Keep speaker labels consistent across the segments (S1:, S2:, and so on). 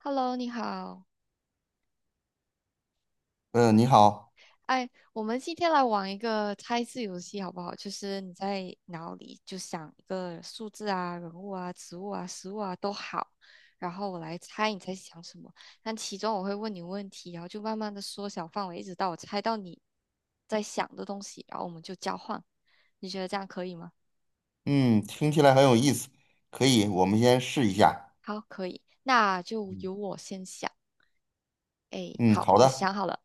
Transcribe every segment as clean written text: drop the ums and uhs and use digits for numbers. S1: Hello，你好。
S2: 嗯，你好，
S1: 哎，我们今天来玩一个猜字游戏，好不好？就是你在脑里就想一个数字啊、人物啊、植物啊、食物啊都好，然后我来猜你在想什么。但其中我会问你问题，然后就慢慢的缩小范围，一直到我猜到你在想的东西，然后我们就交换。你觉得这样可以吗？
S2: 嗯，听起来很有意思，可以，我们先试一下。
S1: 好，可以。那就由我先想。哎，
S2: 嗯，
S1: 好，
S2: 好
S1: 我
S2: 的，
S1: 想好了。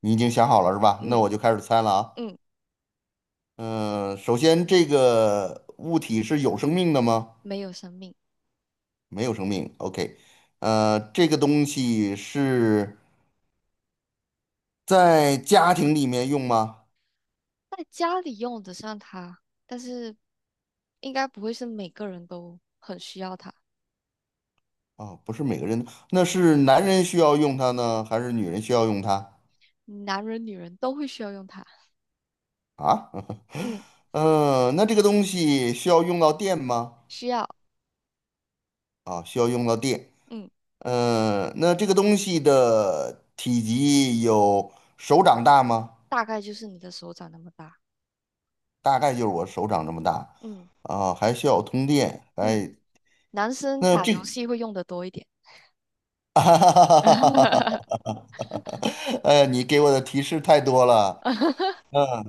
S2: 你已经想好了是吧？那
S1: 嗯
S2: 我就开始猜了啊。
S1: 嗯，
S2: 嗯，首先这个物体是有生命的吗？
S1: 没有生命。
S2: 没有生命。OK，这个东西是在家庭里面用吗？
S1: 在家里用得上它，但是应该不会是每个人都很需要它，
S2: 哦，不是每个人，那是男人需要用它呢，还是女人需要用它
S1: 男人女人都会需要用它。
S2: 啊？
S1: 嗯，
S2: 嗯，那这个东西需要用到电吗？
S1: 需要，
S2: 啊，需要用到电。
S1: 嗯，
S2: 嗯，那这个东西的体积有手掌大吗？
S1: 大概就是你的手掌那么大。
S2: 大概就是我手掌这么大
S1: 嗯
S2: 啊，还需要通电。
S1: 嗯，
S2: 哎，
S1: 男生
S2: 那
S1: 打
S2: 这
S1: 游
S2: 个，
S1: 戏会用的多一点。
S2: 哎，你给我的提示太多了。嗯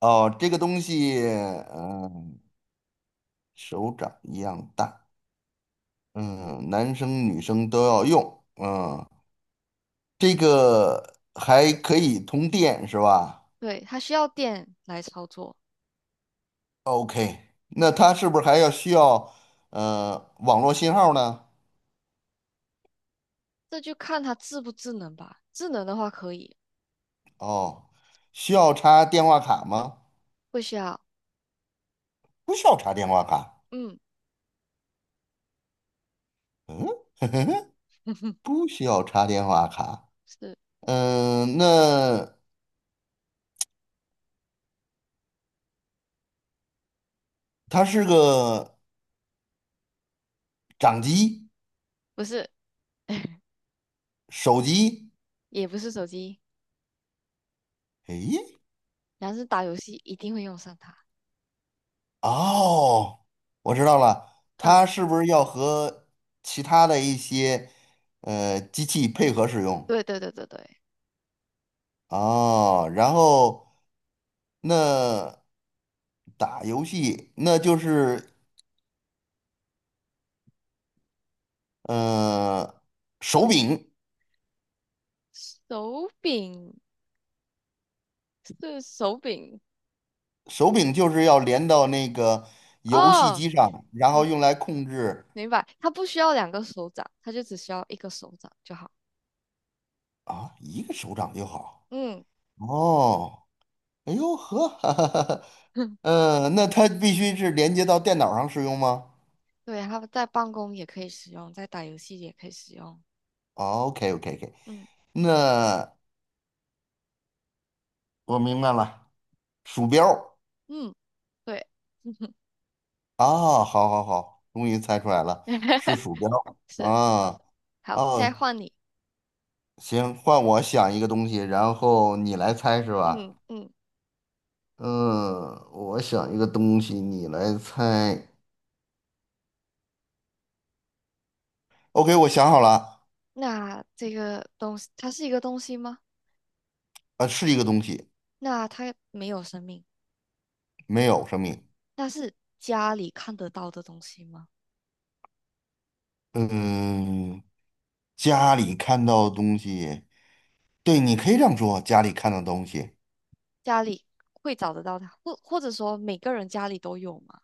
S2: 哦，这个东西，手掌一样大，嗯，男生女生都要用，这个还可以通电是吧？
S1: 对，它需要电来操作，
S2: OK，那它是不是还要需要网络信号呢？
S1: 这就看它智不智能吧。智能的话可以，
S2: 哦，需要插电话卡吗？
S1: 不需要。
S2: 不需要插电话卡。
S1: 嗯，
S2: 嗯，不需要插电话卡。
S1: 是
S2: 嗯、那它是个掌机、
S1: 不是？
S2: 手机。
S1: 也不是手机，
S2: 诶，
S1: 男生打游戏一定会用上它。
S2: 哦，我知道了，
S1: 嗯。
S2: 它是不是要和其他的一些机器配合使用？
S1: 对对对对对，
S2: 哦，然后那打游戏，那就是呃手柄，
S1: 手柄是手柄
S2: 手柄就是要连到那个游戏
S1: 哦，
S2: 机上，然后
S1: 嗯，
S2: 用来控制
S1: 明白，它不需要两个手掌，它就只需要一个手掌就好。
S2: 啊，一个手掌就好。
S1: 嗯，
S2: 哦，哎呦呵，哈哈哈 那它必须是连接到电脑上使用吗
S1: 对，它在办公也可以使用，在打游戏也可以使用。
S2: ？OK OK OK，
S1: 嗯
S2: 那我明白了，鼠标。
S1: 嗯，对，
S2: 啊，好好好，终于猜出来了，是鼠标
S1: 是，
S2: 啊。
S1: 好，现在
S2: 哦，
S1: 换你。
S2: 行，换我想一个东西，然后你来猜是
S1: 嗯
S2: 吧？
S1: 嗯，
S2: 嗯，我想一个东西，你来猜。OK，我想好了，
S1: 那这个东西，它是一个东西吗？
S2: 是一个东西，
S1: 那它没有生命，
S2: 没有生命。
S1: 那是家里看得到的东西吗？
S2: 嗯，家里看到的东西，对，你可以这样说，家里看到的东西。
S1: 家里会找得到它，或者说每个人家里都有吗？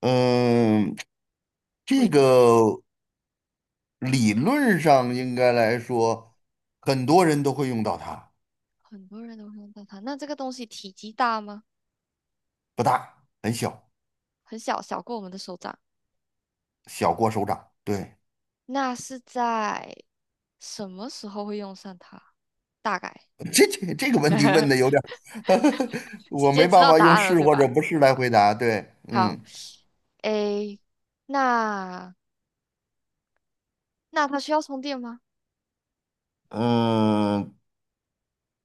S2: 嗯，
S1: 不
S2: 这
S1: 一定，
S2: 个理论上应该来说，很多人都会用到它。
S1: 很多人都会用到它。那这个东西体积大吗？
S2: 不大，很小，
S1: 很小，小过我们的手掌。
S2: 小过手掌。对，
S1: 那是在什么时候会用上它？大概
S2: 这个问题问的有 点儿，
S1: 直
S2: 我
S1: 接
S2: 没
S1: 知
S2: 办
S1: 道
S2: 法
S1: 答
S2: 用
S1: 案了，
S2: 是
S1: 对
S2: 或者
S1: 吧？
S2: 不是来回答。对，嗯
S1: 好，诶，那那它需要充电吗？
S2: 嗯，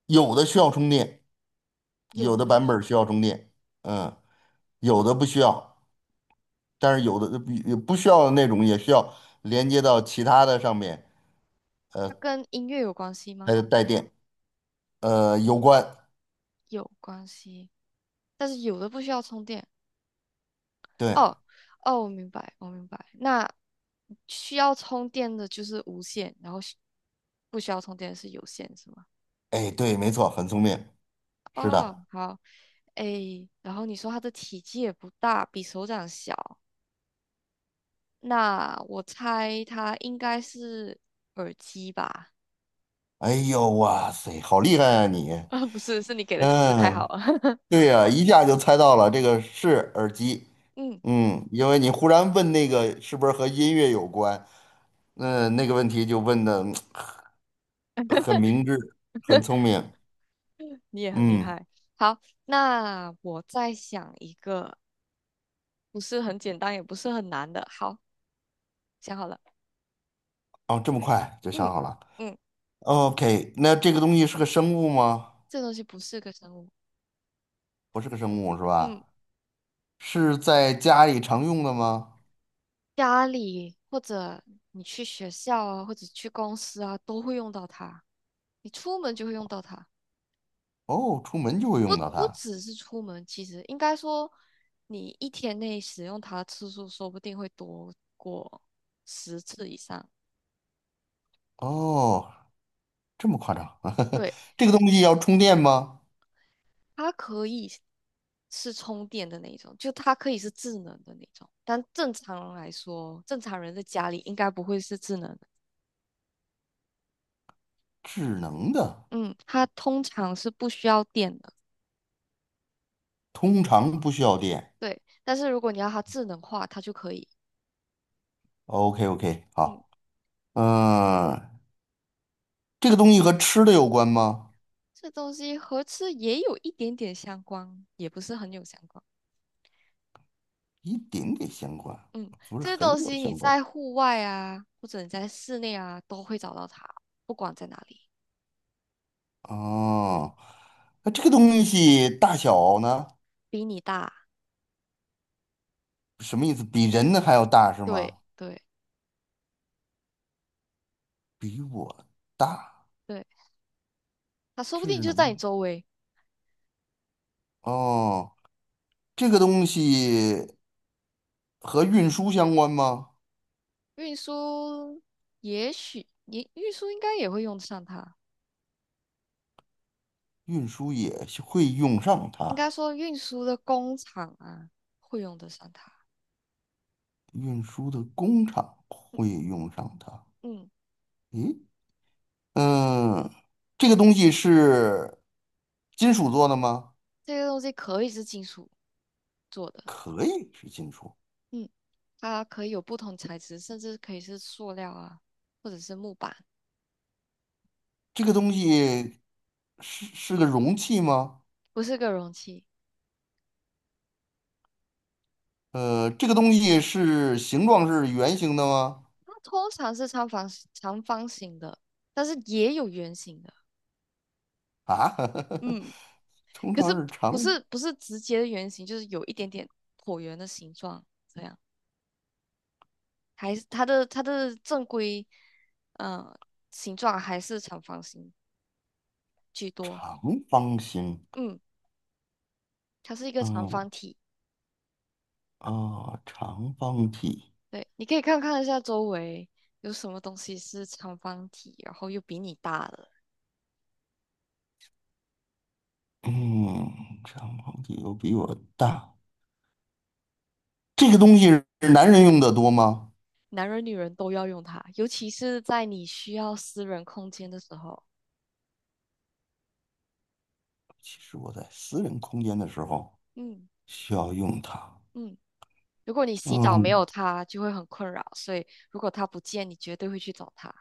S2: 有的需要充电，有
S1: 有
S2: 的
S1: 的
S2: 版
S1: 是
S2: 本儿需要充电，嗯，有的不需要，但是有的不需要的那种也需要连接到其他的上面，
S1: 它跟音乐有关系
S2: 它
S1: 吗？
S2: 就带电。有关，
S1: 有关系，但是有的不需要充电，
S2: 对，
S1: 哦哦，我明白，我明白。那需要充电的就是无线，然后不需要充电的是有线，是吗？
S2: 哎，对，没错，很聪明，是
S1: 哦，
S2: 的。
S1: 好，诶，然后你说它的体积也不大，比手掌小，那我猜它应该是耳机吧？
S2: 哎呦，哇塞，好厉害啊你！
S1: 啊，不是，是你给的提示太
S2: 嗯，
S1: 好了。
S2: 对呀，一下就猜到了，这个是耳机。
S1: 嗯，
S2: 嗯，因为你忽然问那个是不是和音乐有关，那那个问题就问的很明智，很聪明。
S1: 你也很厉
S2: 嗯，
S1: 害。好，那我再想一个，不是很简单，也不是很难的。好，想好了。
S2: 哦，这么快就想
S1: 嗯。
S2: 好了。
S1: 嗯。
S2: OK，那这个东西是个生物吗？
S1: 这东西不是个生物。
S2: 不是个生物是
S1: 嗯，
S2: 吧？是在家里常用的吗？
S1: 家里或者你去学校啊，或者去公司啊，都会用到它。你出门就会用到它，
S2: 哦，出门就会
S1: 不
S2: 用到
S1: 不
S2: 它。
S1: 只是出门，其实应该说，你一天内使用它的次数说不定会多过10次以上。
S2: 哦，这么夸张？
S1: 对，
S2: 这个东西要充电吗？
S1: 它可以是充电的那一种，就它可以是智能的那种。但正常人来说，正常人在家里应该不会是智能的。
S2: 智能的，
S1: 嗯，它通常是不需要电的。
S2: 通常不需要电。
S1: 对，但是如果你要它智能化，它就可以。
S2: OK OK，
S1: 嗯，
S2: 好，嗯、这个东西和吃的有关吗？
S1: 这东西和吃也有一点点相关，也不是很有相关。
S2: 一点点相关，
S1: 嗯，
S2: 不是
S1: 这个东
S2: 很有
S1: 西你
S2: 相关。
S1: 在户外啊，或者你在室内啊，都会找到它，不管在哪里。嗯，
S2: 哦，那这个东西大小呢？
S1: 比你大，
S2: 什么意思？比人呢还要大是
S1: 对
S2: 吗？
S1: 对
S2: 比我大，
S1: 对，它说不定
S2: 智
S1: 就
S2: 能。
S1: 在你周围。
S2: 哦，这个东西和运输相关吗？
S1: 运输也许你运输应该也会用得上它，
S2: 运输也是会用上
S1: 应
S2: 它，
S1: 该说运输的工厂啊会用得上它。
S2: 运输的工厂
S1: 嗯，
S2: 会用上它。
S1: 嗯
S2: 诶，嗯，这个东西是金属做的吗？
S1: 这个东西可以是金属做的。
S2: 可以是金属。
S1: 嗯，它可以有不同材质，甚至可以是塑料啊，或者是木板，
S2: 这个东西是个容器吗？
S1: 不是个容器。
S2: 这个东西是形状是圆形的吗？
S1: 它通常是长方形的，但是也有圆形的，
S2: 啊，
S1: 嗯，
S2: 通
S1: 可是
S2: 常是
S1: 不
S2: 长
S1: 是不是直接的圆形，就是有一点点椭圆的形状，这样还是它的正规，呃，形状还是长方形居多。
S2: 长方形。
S1: 嗯，它是一个长
S2: 嗯
S1: 方体。
S2: 啊，长方体。
S1: 对，你可以看看一下周围有什么东西是长方体，然后又比你大的。
S2: 嗯，长方体又比我大。这个东西是男人用的多吗？
S1: 男人女人都要用它，尤其是在你需要私人空间的时候。
S2: 其实我在私人空间的时候
S1: 嗯
S2: 需要用它。
S1: 嗯，如果你洗澡没有
S2: 嗯，
S1: 它，就会很困扰，所以如果它不见，你绝对会去找它。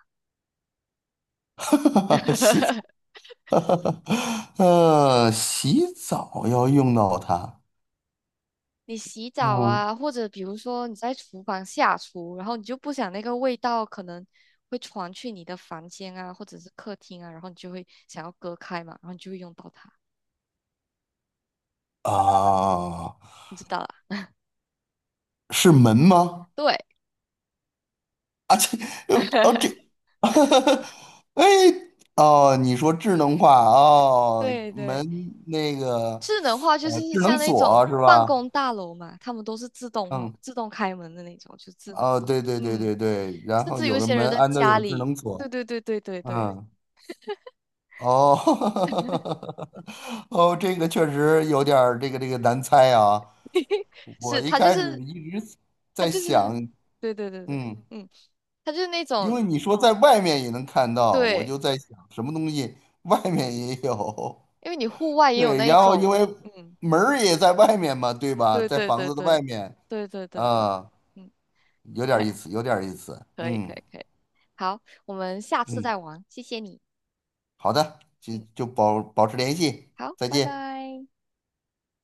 S2: 哈哈，哈，洗澡，洗澡要用到它。
S1: 你洗澡
S2: 嗯
S1: 啊，或者比如说你在厨房下厨，然后你就不想那个味道可能会传去你的房间啊，或者是客厅啊，然后你就会想要隔开嘛，然后你就会用到它，
S2: 啊，
S1: 你知道啦？
S2: 是门吗？
S1: 对，
S2: 啊，这，哦，这，哎，哦，你说智能化哦，
S1: 对对。
S2: 门那个，
S1: 智能化就是
S2: 智能
S1: 像那种
S2: 锁是
S1: 办
S2: 吧？
S1: 公大楼嘛，他们都是自动化、
S2: 嗯，
S1: 自动开门的那种，就智能
S2: 哦，
S1: 化。
S2: 对对对
S1: 嗯，
S2: 对对，然
S1: 甚
S2: 后
S1: 至有
S2: 有
S1: 一
S2: 的
S1: 些人
S2: 门
S1: 的
S2: 安的
S1: 家
S2: 有智
S1: 里，
S2: 能
S1: 对
S2: 锁，
S1: 对对对对对，
S2: 嗯。哦，哦，这个确实有点儿这个难猜啊。我
S1: 是
S2: 一
S1: 他就
S2: 开始
S1: 是
S2: 一直
S1: 他
S2: 在
S1: 就是，
S2: 想，
S1: 对对对对，
S2: 嗯，
S1: 嗯，他就是那
S2: 因
S1: 种
S2: 为你说在外面也能看到，我
S1: 对，
S2: 就在想什么东西外面也有。
S1: 因为你户外 也有
S2: 对，
S1: 那一
S2: 然后因
S1: 种，
S2: 为
S1: 嗯，
S2: 门儿也在外面嘛，对吧？
S1: 对
S2: 在
S1: 对
S2: 房
S1: 对
S2: 子的外
S1: 对
S2: 面，
S1: 对对对对，
S2: 啊，
S1: 嗯，
S2: 有点儿意 思，有点儿意思。
S1: 可以可
S2: 嗯
S1: 以可以，好，我们下次
S2: 嗯，
S1: 再玩，谢谢你，
S2: 好的，就
S1: 嗯，
S2: 就保持联系，
S1: 好，
S2: 再
S1: 拜
S2: 见。
S1: 拜。